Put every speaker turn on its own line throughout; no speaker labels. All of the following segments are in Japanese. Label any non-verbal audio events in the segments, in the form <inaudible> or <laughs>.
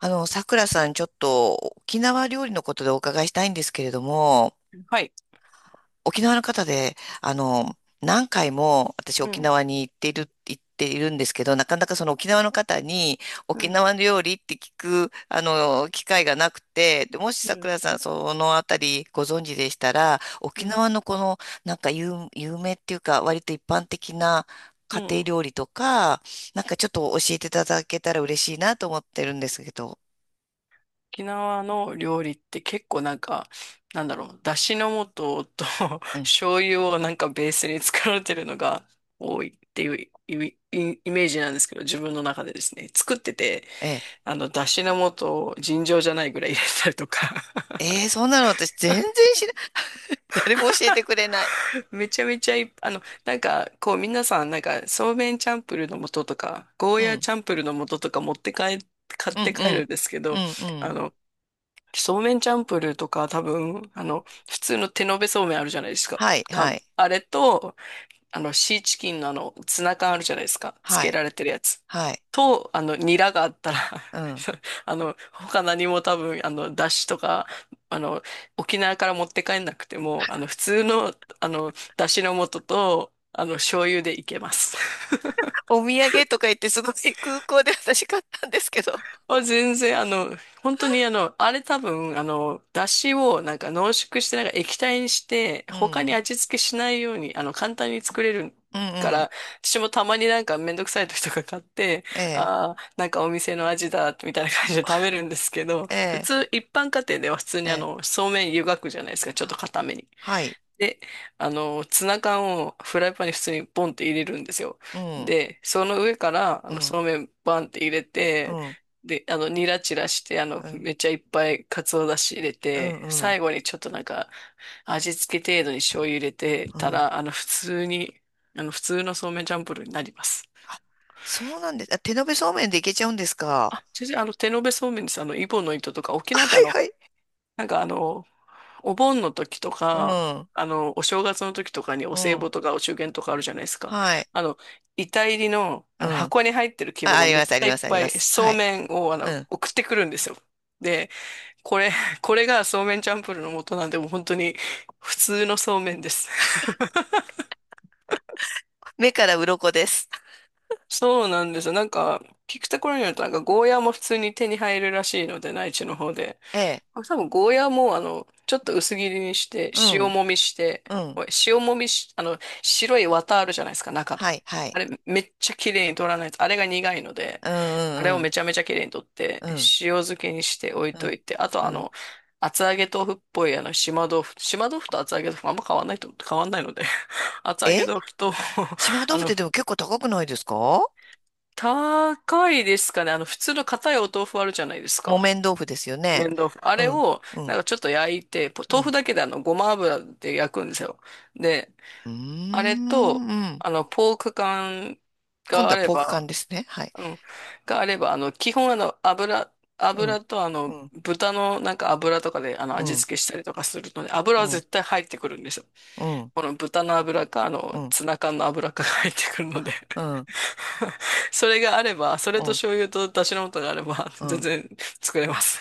さくらさん、ちょっと沖縄料理のことでお伺いしたいんですけれども、
はい。
沖縄の方で、あの、何回も私
う
沖
ん、
縄に行っているんですけど、なかなかその沖縄の方に
う
沖
ん、
縄の料理って聞く機会がなくて、でもし
う
さく
ん、
らさん、そのあたりご存知でしたら、沖
うん、
縄のこの、なんか有名っていうか、割と一般的な
う
家庭
ん。
料理とか、なんかちょっと教えていただけたら嬉しいなと思ってるんですけど、
沖縄の料理って結構なんか、なんだろう、だしの素と <laughs>
うん、
醤油をなんかベースに作られてるのが多いっていうイメージなんですけど、自分の中でですね、作ってて、
ええ
だしの素を尋常じゃないぐらい入れたりとか <laughs>
ええー、そんなの私全然知らない。<laughs> 誰も教えてくれない。
めちゃめちゃいっぱい、なんか、こう、皆さん、なんか、そうめんチャンプルーの素とか、ゴー
う
ヤー
ん、
チャンプルーの素とか持って帰、買っ
うん、う
て帰る
ん、
んですけ
う
ど、
ん、う
あ
ん。
の、そうめんチャンプルーとか多分、普通の手延べそうめんあるじゃないですか。
はい、はい、
あれと、シーチキンのツナ缶あるじゃないですか。つ
は
け
い、
られてるやつ。
はい。
と、ニラがあったら
うん。
<laughs> 他何も多分、だしとか、あの、沖縄から持って帰んなくても、普通の、だしの素と、醤油でいけます。
お土産とか言ってすごい空港で私買ったんですけど。
あ、全然、本当にあれ多分、出汁をなんか濃縮して、なんか液体にして、
う
他に
ん、
味付けしないように、簡単に作れる
うん、
か
うん。
ら、私もたまになんかめんどくさい時とか買って、
ええ、
ああ、なんかお店の味だ、みたいな感じで食べるんですけど、
え
普
え、
通、一般家庭では普通に
ええ。
そうめん湯がくじゃないですか、ちょっと
は、
固めに。
はい。
で、ツナ缶をフライパンに普通にポンって入れるんですよ。
うん、
で、その上から、
うん、
そうめんバンって入れ
う
て、
ん、うん、
で、ニラチラして、
うん、
めっちゃいっぱい鰹だし入れ
う
て、
ん。
最後にちょっとなんか、味付け程度に醤油入れて
う
た
ん、
ら、普通に、普通のそうめんチャンプルーになります。
あ、そうなんです。あ、手延べそうめんでいけちゃうんですか？
あ、先生、手延べそうめんです。イボの糸とか、
<laughs>
沖縄って
はい、はい。
なんかお盆の時と
う
か、
ん、
お正月の時とかにお
う
歳
ん。
暮とかお中元とかあるじゃないですか。
はい。
あの、遺体入りの、あ
う
の
ん。
箱に入ってる規模
あ、あ
が
り
めっ
ま
ち
す、あ
ゃ
り
い
ま
っ
す、あり
ぱ
ま
い
す。
そ
は
う
い。
めんを
うん。
送ってくるんですよ。で、これ、<laughs> これがそうめんチャンプルーの元なんで、もう本当に普通のそうめんです。<laughs>
目から鱗です。
そうなんですよ。なんか、聞くところによると、なんかゴーヤーも普通に手に入るらしいので、内地の方で。
ええ。
あ、多分ゴーヤーもちょっと薄切りにして、
う
塩
ん。
もみして、
うん。
おい塩もみし、白い綿あるじゃないですか、中
は
の。
い、はい。
あれ、めっちゃ綺麗に取らないと、あれが苦いので、
う
あれ
ん、
を
うん、
めちゃめちゃ綺麗に取って、
う
塩
ん。
漬けにして置い
う
と
ん、
いて、あと
うん。うん、
厚揚げ豆腐っぽい島豆腐、島豆腐と厚揚げ豆腐あんま変わんないので、<laughs> 厚揚
え、
げ豆腐と
島
<laughs> あ
豆腐って
の、
でも結構高くないですか？
高いですかね、普通の硬いお豆腐あるじゃないです
木
か。
綿豆腐ですよね。
麺豆腐。あ
う
れ
ん、
を、
う
なん
ん、
かちょっと焼いて、
う
豆腐
ん。
だけでごま油で焼くんですよ。で、
うー
あれと、
ん、うん。
ポーク缶
今
が
度
あ
は
れ
ポーク缶
ば、
ですね。はい。
うん、があれば、基本
うん、
油と
うん、
豚のなんか油とかで
う
味
ん、
付けしたりとかするので、油
う
は
ん、
絶対入ってくるんですよ。
うん、うん、
この豚の油か、
うん、
ツナ缶の油かが入ってくるので <laughs> それがあれば、それ
う
と
ん。
醤油と出汁の素があれば、
う
全
ん、
然作れます。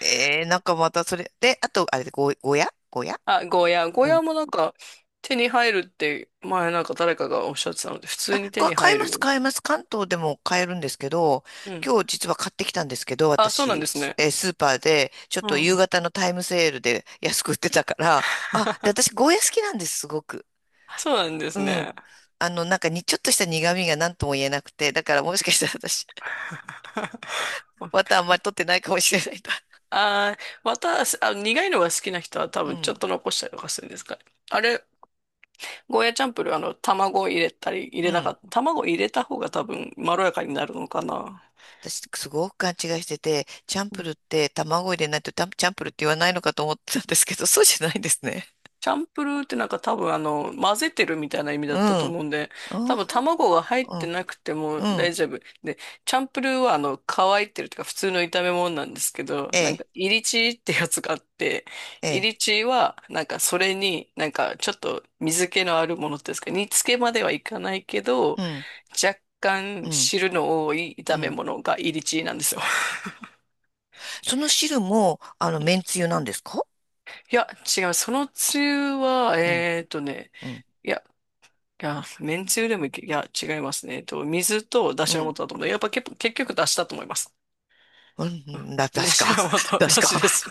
えー、なんかまたそれ。で、あと、あれで、ごや、
あ、ゴーヤー。ゴーヤーもなんか手に入るって前なんか誰かがおっしゃってたので、普通
あ、
に手に
買え
入
ま
る
す、
よ。
買えます。関東でも買えるんですけど、
うん。
今日実は買ってきたんですけど、
あ、そうなんで
私、
すね。
スーパーで、ちょっ
う
と
んう
夕
ん。
方のタイムセールで安く売ってたから、あ、で、私、ゴーヤ好きなんです、すごく。
あ、そうなんで
う
す
ん。
ね。
あの、なんかに、ちょっとした苦味が何とも言えなくて、だからもしかしたら私、また
<laughs>
あんまり取ってないかもしれないな。
あー、また、あ、苦いのが好きな人は多
う
分ちょっ
ん、
と残したりとかするんですかね。あれ、ゴーヤチャンプルー、卵入れたり、入
う
れなか
ん。
った。卵入れた方が多分まろやかになるのかな。
私、すごく勘違いしてて、チャンプルって卵入れないとタンチャンプルって言わないのかと思ってたんですけど、そうじゃないんですね。
チャンプルーってなんか多分混ぜてるみたいな意味だ
うん。
ったと
あ
思うんで、多分
ー、
卵が入っ
う
て
ん。
なくても
う
大
ん。
丈夫。で、チャンプルーは乾いてるとか普通の炒め物なんですけど、
え
なんか、
え、
イリチーってやつがあって、
え
イ
え、
リチーはなんかそれになんかちょっと水気のあるものっていうんですか、煮付けまではいかないけど、
うん、
若
う
干
ん、
汁の多い
う
炒め
ん。
物がイリチーなんですよ。
その汁も、麺つゆなんですか？
いや、違う。そのつゆは、
うん、うん、
いやいや、めんつゆでもいけ、いや、違いますね。水と出
う
汁
ん、
の素だと思うんだやっぱ結構、結局出汁だと思います。
う
う
ん、だ、
ん、出
確か、
汁の素、出
<laughs> 確か。
汁です。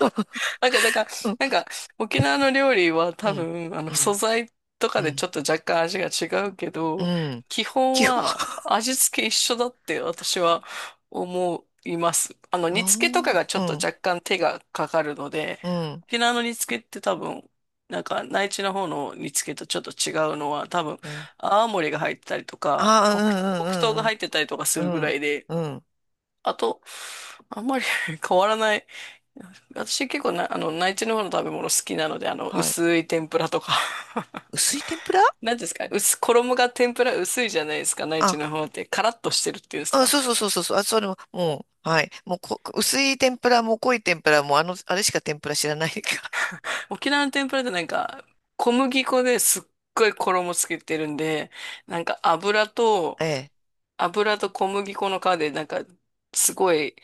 なんか、だから、なん
<laughs>
か、沖縄の料理は
う
多
ん、
分、
う
素
ん、
材とか
うん、う
でち
ん。
ょっと若干味が違うけ
う
ど、
ん、
基本
基本、
は味付け一緒だって私は思います。煮
あ
付けとかがちょ
あ、
っと
うん、
若干手がかかるので、
うん、
沖縄の煮付けって多分、なんか、内地の方の煮付けとちょっと違うのは、多分、
うん。
泡盛が入ってたりとか、黒糖が
あ
入ってたりとかす
あ、う
る
ん、
ぐ
う
ら
ん、
いで、
うん、うん、うん。
あと、あんまり <laughs> 変わらない。私結構な、内地の方の食べ物好きなので、
はい。
薄い天ぷらとか。
薄い天ぷら、
<laughs> 何ですか衣が天ぷら薄いじゃないですか、内
あ、
地の方って。カラッとしてるっていうんです
あ、
か。
そうそうそうそうそう。あ、それも、もう、はい。もうこ、薄い天ぷらも濃い天ぷらも、あれしか天ぷら知らないか
沖縄の天ぷらってなんか、小麦粉ですっごい衣つけてるんで、なんか油と、
ら。ええ。
油と小麦粉の皮で、なんか、すごい、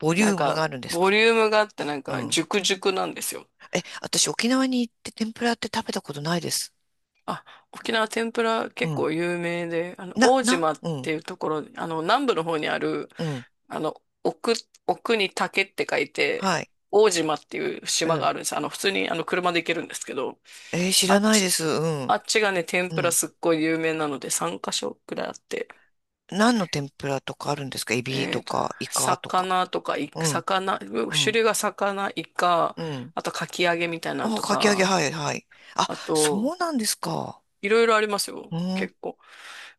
ボリ
な
ュ
ん
ームが
か、
あるんです
ボ
か？
リュームがあって、なん
う
か、
ん。
熟熟なんですよ。
え、私沖縄に行って天ぷらって食べたことないです。
あ、沖縄天ぷら
う
結
ん。
構有名で、大島っ
うん、
ていうところ、南部の方にある、
うん。
あの、奥、奥に竹って書いて、
はい。
大島っていう
う
島が
ん。
あるんです。普通にあの車で行けるんですけど、
えー知
あ
ら
っ
ない
ち、
です。う
あ
ん、
っちがね、天
う
ぷら
ん。
すっごい有名なので3カ所くらいあって、
何の天ぷらとかあるんですか？エビ
え
と
っと、
か、イカとか。
魚とか、
うん、う
種
ん、
類が魚、イカ、
うん。
あとかき揚げみたいなの
あ、
と
かき揚げ、
か、
はい、はい。あ、
あ
そ
と、
うなんですか。
いろいろありますよ。
うん、
結構。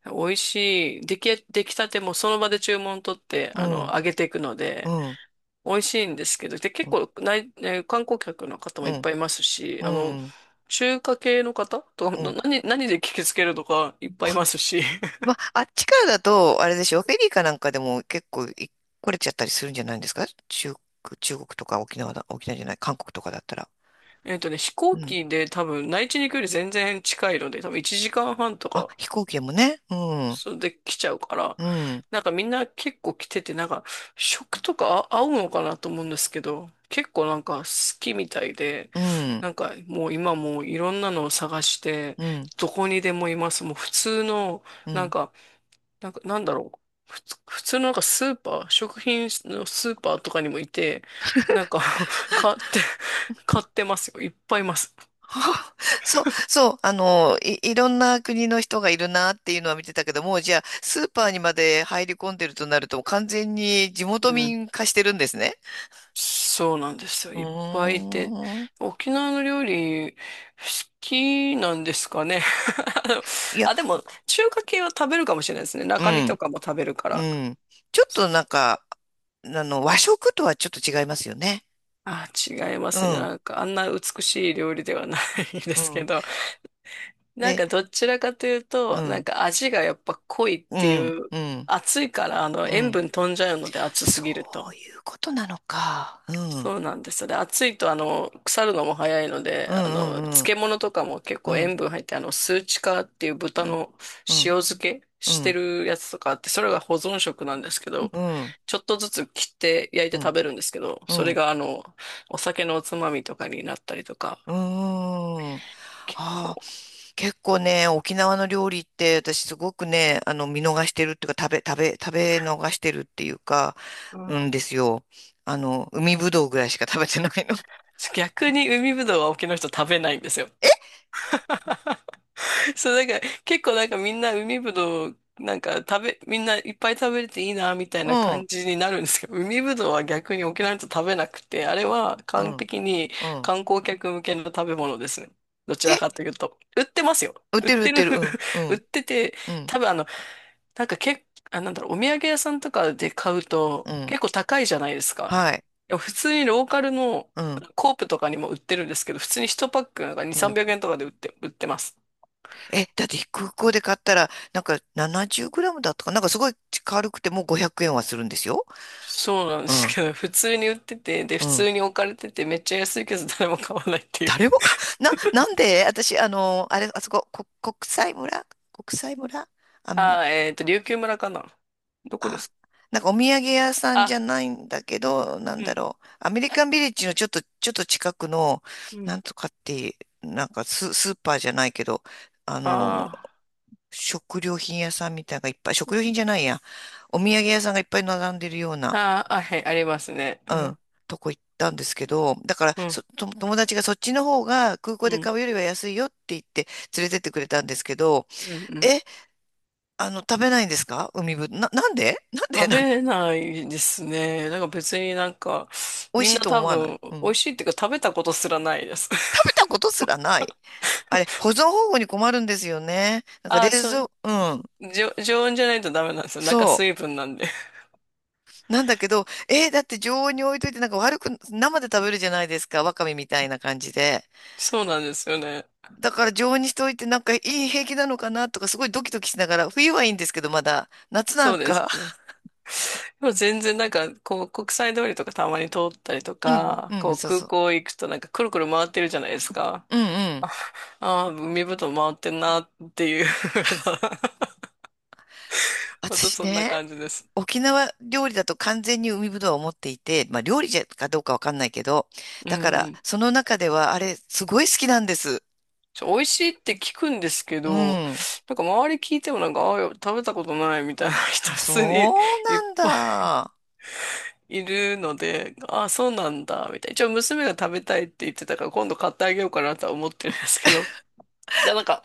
美味しい。出来たてもその場で注文取って、
うん、
揚げていくの
う
で、
ん、
美味しいんですけど、で、
う
結
ん、
構ね、観光客の方も
う
いっ
ん、
ぱいいますし、
うん。
中華系の方とか、
うん、
何で聞きつけるとかいっぱいいますし、
ま
<laughs>
あ、あっちからだと、あれでしょ、フェリーかなんかでも結構い来れちゃったりするんじゃないんですか中、中国とか沖縄だ、沖縄じゃない、韓国とかだったら。
飛行
うん。
機で多分内地に行くより全然近いので、多分1時間半と
あ、
か、
飛行機でもね。うん。
それで来ちゃうから、
うん。
なんかみんな結構来てて、なんか食とか合うのかなと思うんですけど、結構なんか好きみたいで、
うん。
なんかもう今もういろんなのを探して、
うん。
どこにでもいます。もう普通の、
う
なん
ん。
か
<laughs>
なんか、なんだろう。普通のなんかスーパー、食品のスーパーとかにもいて、なんか <laughs> 買って、買ってますよ。いっぱいいます。
はあ、そう、そう。あの、いろんな国の人がいるなっていうのは見てたけども、じゃあ、スーパーにまで入り込んでるとなると、完全に地
う
元
ん。
民化してるんですね。
そうなんですよ。
う
いっぱいいて。
ーん。
沖縄の料理、好きなんですかね。<laughs> あの
いや、
でも、中華系は食べるかもしれないですね。
う
中身と
ん。
かも食べるか
う
ら。
ん。ちょっとなんか、和食とはちょっと違いますよね。
あ、違いま
う
すね。
ん。
なんか、あんな美しい料理ではない <laughs> で
う
すけ
ん。
ど。なん
で、
かどちらかという
う
と、なん
ん。
か味がやっぱ濃いっ
う
て
ん。
いう、
うん。
暑いから
う
塩
ん。
分飛んじゃうので暑す
そ
ぎると。
ういうことなのか。うん。
そうなんですよ。で、暑いと腐るのも早いので、
うん、うん、
漬物とかも結
う
構
ん、う
塩分入って、スーチカーっていう豚
ん、
の
うん、
塩漬け
う
し
ん、う
て
ん、
るやつとかあって、それが保存食なんですけど、
うん、
ちょっとずつ切って焼いて
うん、
食べるんですけど、
う
それ
ん、
がお酒のおつまみとかになったりとか、
うん、あ
結
あ
構、
ー、結構ね沖縄の料理って私すごくね、あの見逃してるっていうか食べ逃してるっていうか、
うん。
うんですよ、あの海ぶどうぐらいしか食べてないの。
逆に海ぶどうは沖の人食べないんですよ。
<laughs> え、
<laughs> そう、なんか、結構なんかみんな海ぶどう、なんか食べ、みんないっぱい食べれていいな、みたい
う
な
ん、
感じになるんですけど、海ぶどうは逆に沖縄の人食べなくて、あれは
う
完
ん、
璧に
うん、
観光客向けの食べ物ですね。どちら
え、
かというと。売ってますよ。
売っ
売っ
てる売っ
てる
てるうん、う
<laughs> 売っ
ん、
てて、
うん、
多分あの、なんかけ、あ、なんだろう、お土産屋さんとかで買うと
うん、
結構高いじゃないですか。
はい、
でも普通にローカルの
うん、
コープとかにも売ってるんですけど、普通に1パック2、
うん、
300円とかで売ってます。
え、だって空港で買ったら、なんか70グラムだったかな、なんかすごい軽くてもう500円はするんですよ。
そうなんで
う
す
ん、
けど、普通に売ってて、で、
う
普
ん。
通に置かれてて、めっちゃ安いけど誰も買わないっていう。
誰もか、な、なんで私、あの、あれ、あそこ、こ、国際村、あん、
琉球村かな。どこで
あ、
すか？
なんかお土産屋さんじゃ
あ、
ないんだけど、なん
う
だ
ん、
ろう。アメリカンビレッジのちょっと近くの、
うん。
なんとかっていう、なんかスーパーじゃないけど、あの、
あ
食料品屋さんみたいなのがいっぱい、食料品じゃないや。お土産屋さんがいっぱい並んでるような。
あ、はい、ありますね。う
うん、
ん、
とこ行ったんですけど、だから
うん、
そ、と友達がそっちの方が空港
う
で
ん、
買うよりは安いよって言って連れてってくれたんですけど、
うん、うん。
え、食べないんですか海ぶ、な、なんでなんで
食
なん、
べないですね。なんか別になんか、
美味
み
し
んな
いと
多
思わない、
分、
う
美味
ん。
しいっていうか食べたことすらないです。
食べたこと
<laughs>
すらない。あれ、保存方法に困るんですよね。なんか
あ
冷
あそ
蔵、
う、
うん。
常温じゃないとダメなんですよ。中
そ
水分なんで。
う。なんだけど、えーだって常温に置いといてなんか悪く、生で食べるじゃないですか。わかめみたいな感じで。
そうなんですよね。
だから常温にしておいてなんかいい、平気なのかなとかすごいドキドキしながら、冬はいいんですけどまだ、夏な
そ
ん
うです。
か、
<laughs> でもう全然なんか、こう、国際通りとかたまに通ったりと
<laughs> うん、
か、
う
こ
ん、
う、
そう
空
そう。
港行くとなんかくるくる回ってるじゃないですか。
うん、うん。
あ、海ぶどう回ってんなっていう <laughs> また
私
そんな
ね、
感じです。
沖縄料理だと完全に海ぶどうを持っていて、まあ料理じゃかどうかわかんないけど、
うん
だか
う
ら
ん。
その中ではあれすごい好きなんです。
美味しいって聞くんですけ
う
ど、
ん。
なんか周り聞いてもなんか、ああ、食べたことないみたいな <laughs> 人
あ、
普通に
そう
い
な
っ
ん
ぱ
だ。あ
いいるので、ああ、そうなんだ、みたいな。一応娘が食べたいって言ってたから今度買ってあげようかなとは思ってるんですけど。で、なんか、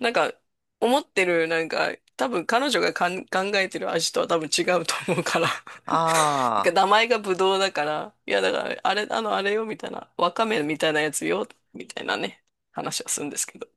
なんか、思ってる、なんか、多分彼女が考えてる味とは多分違うと思うから。<laughs> なんか
あ。
名前がブドウだから、いやだから、あれ、あれよ、みたいな、わかめみたいなやつよ、みたいなね、話はするんですけど。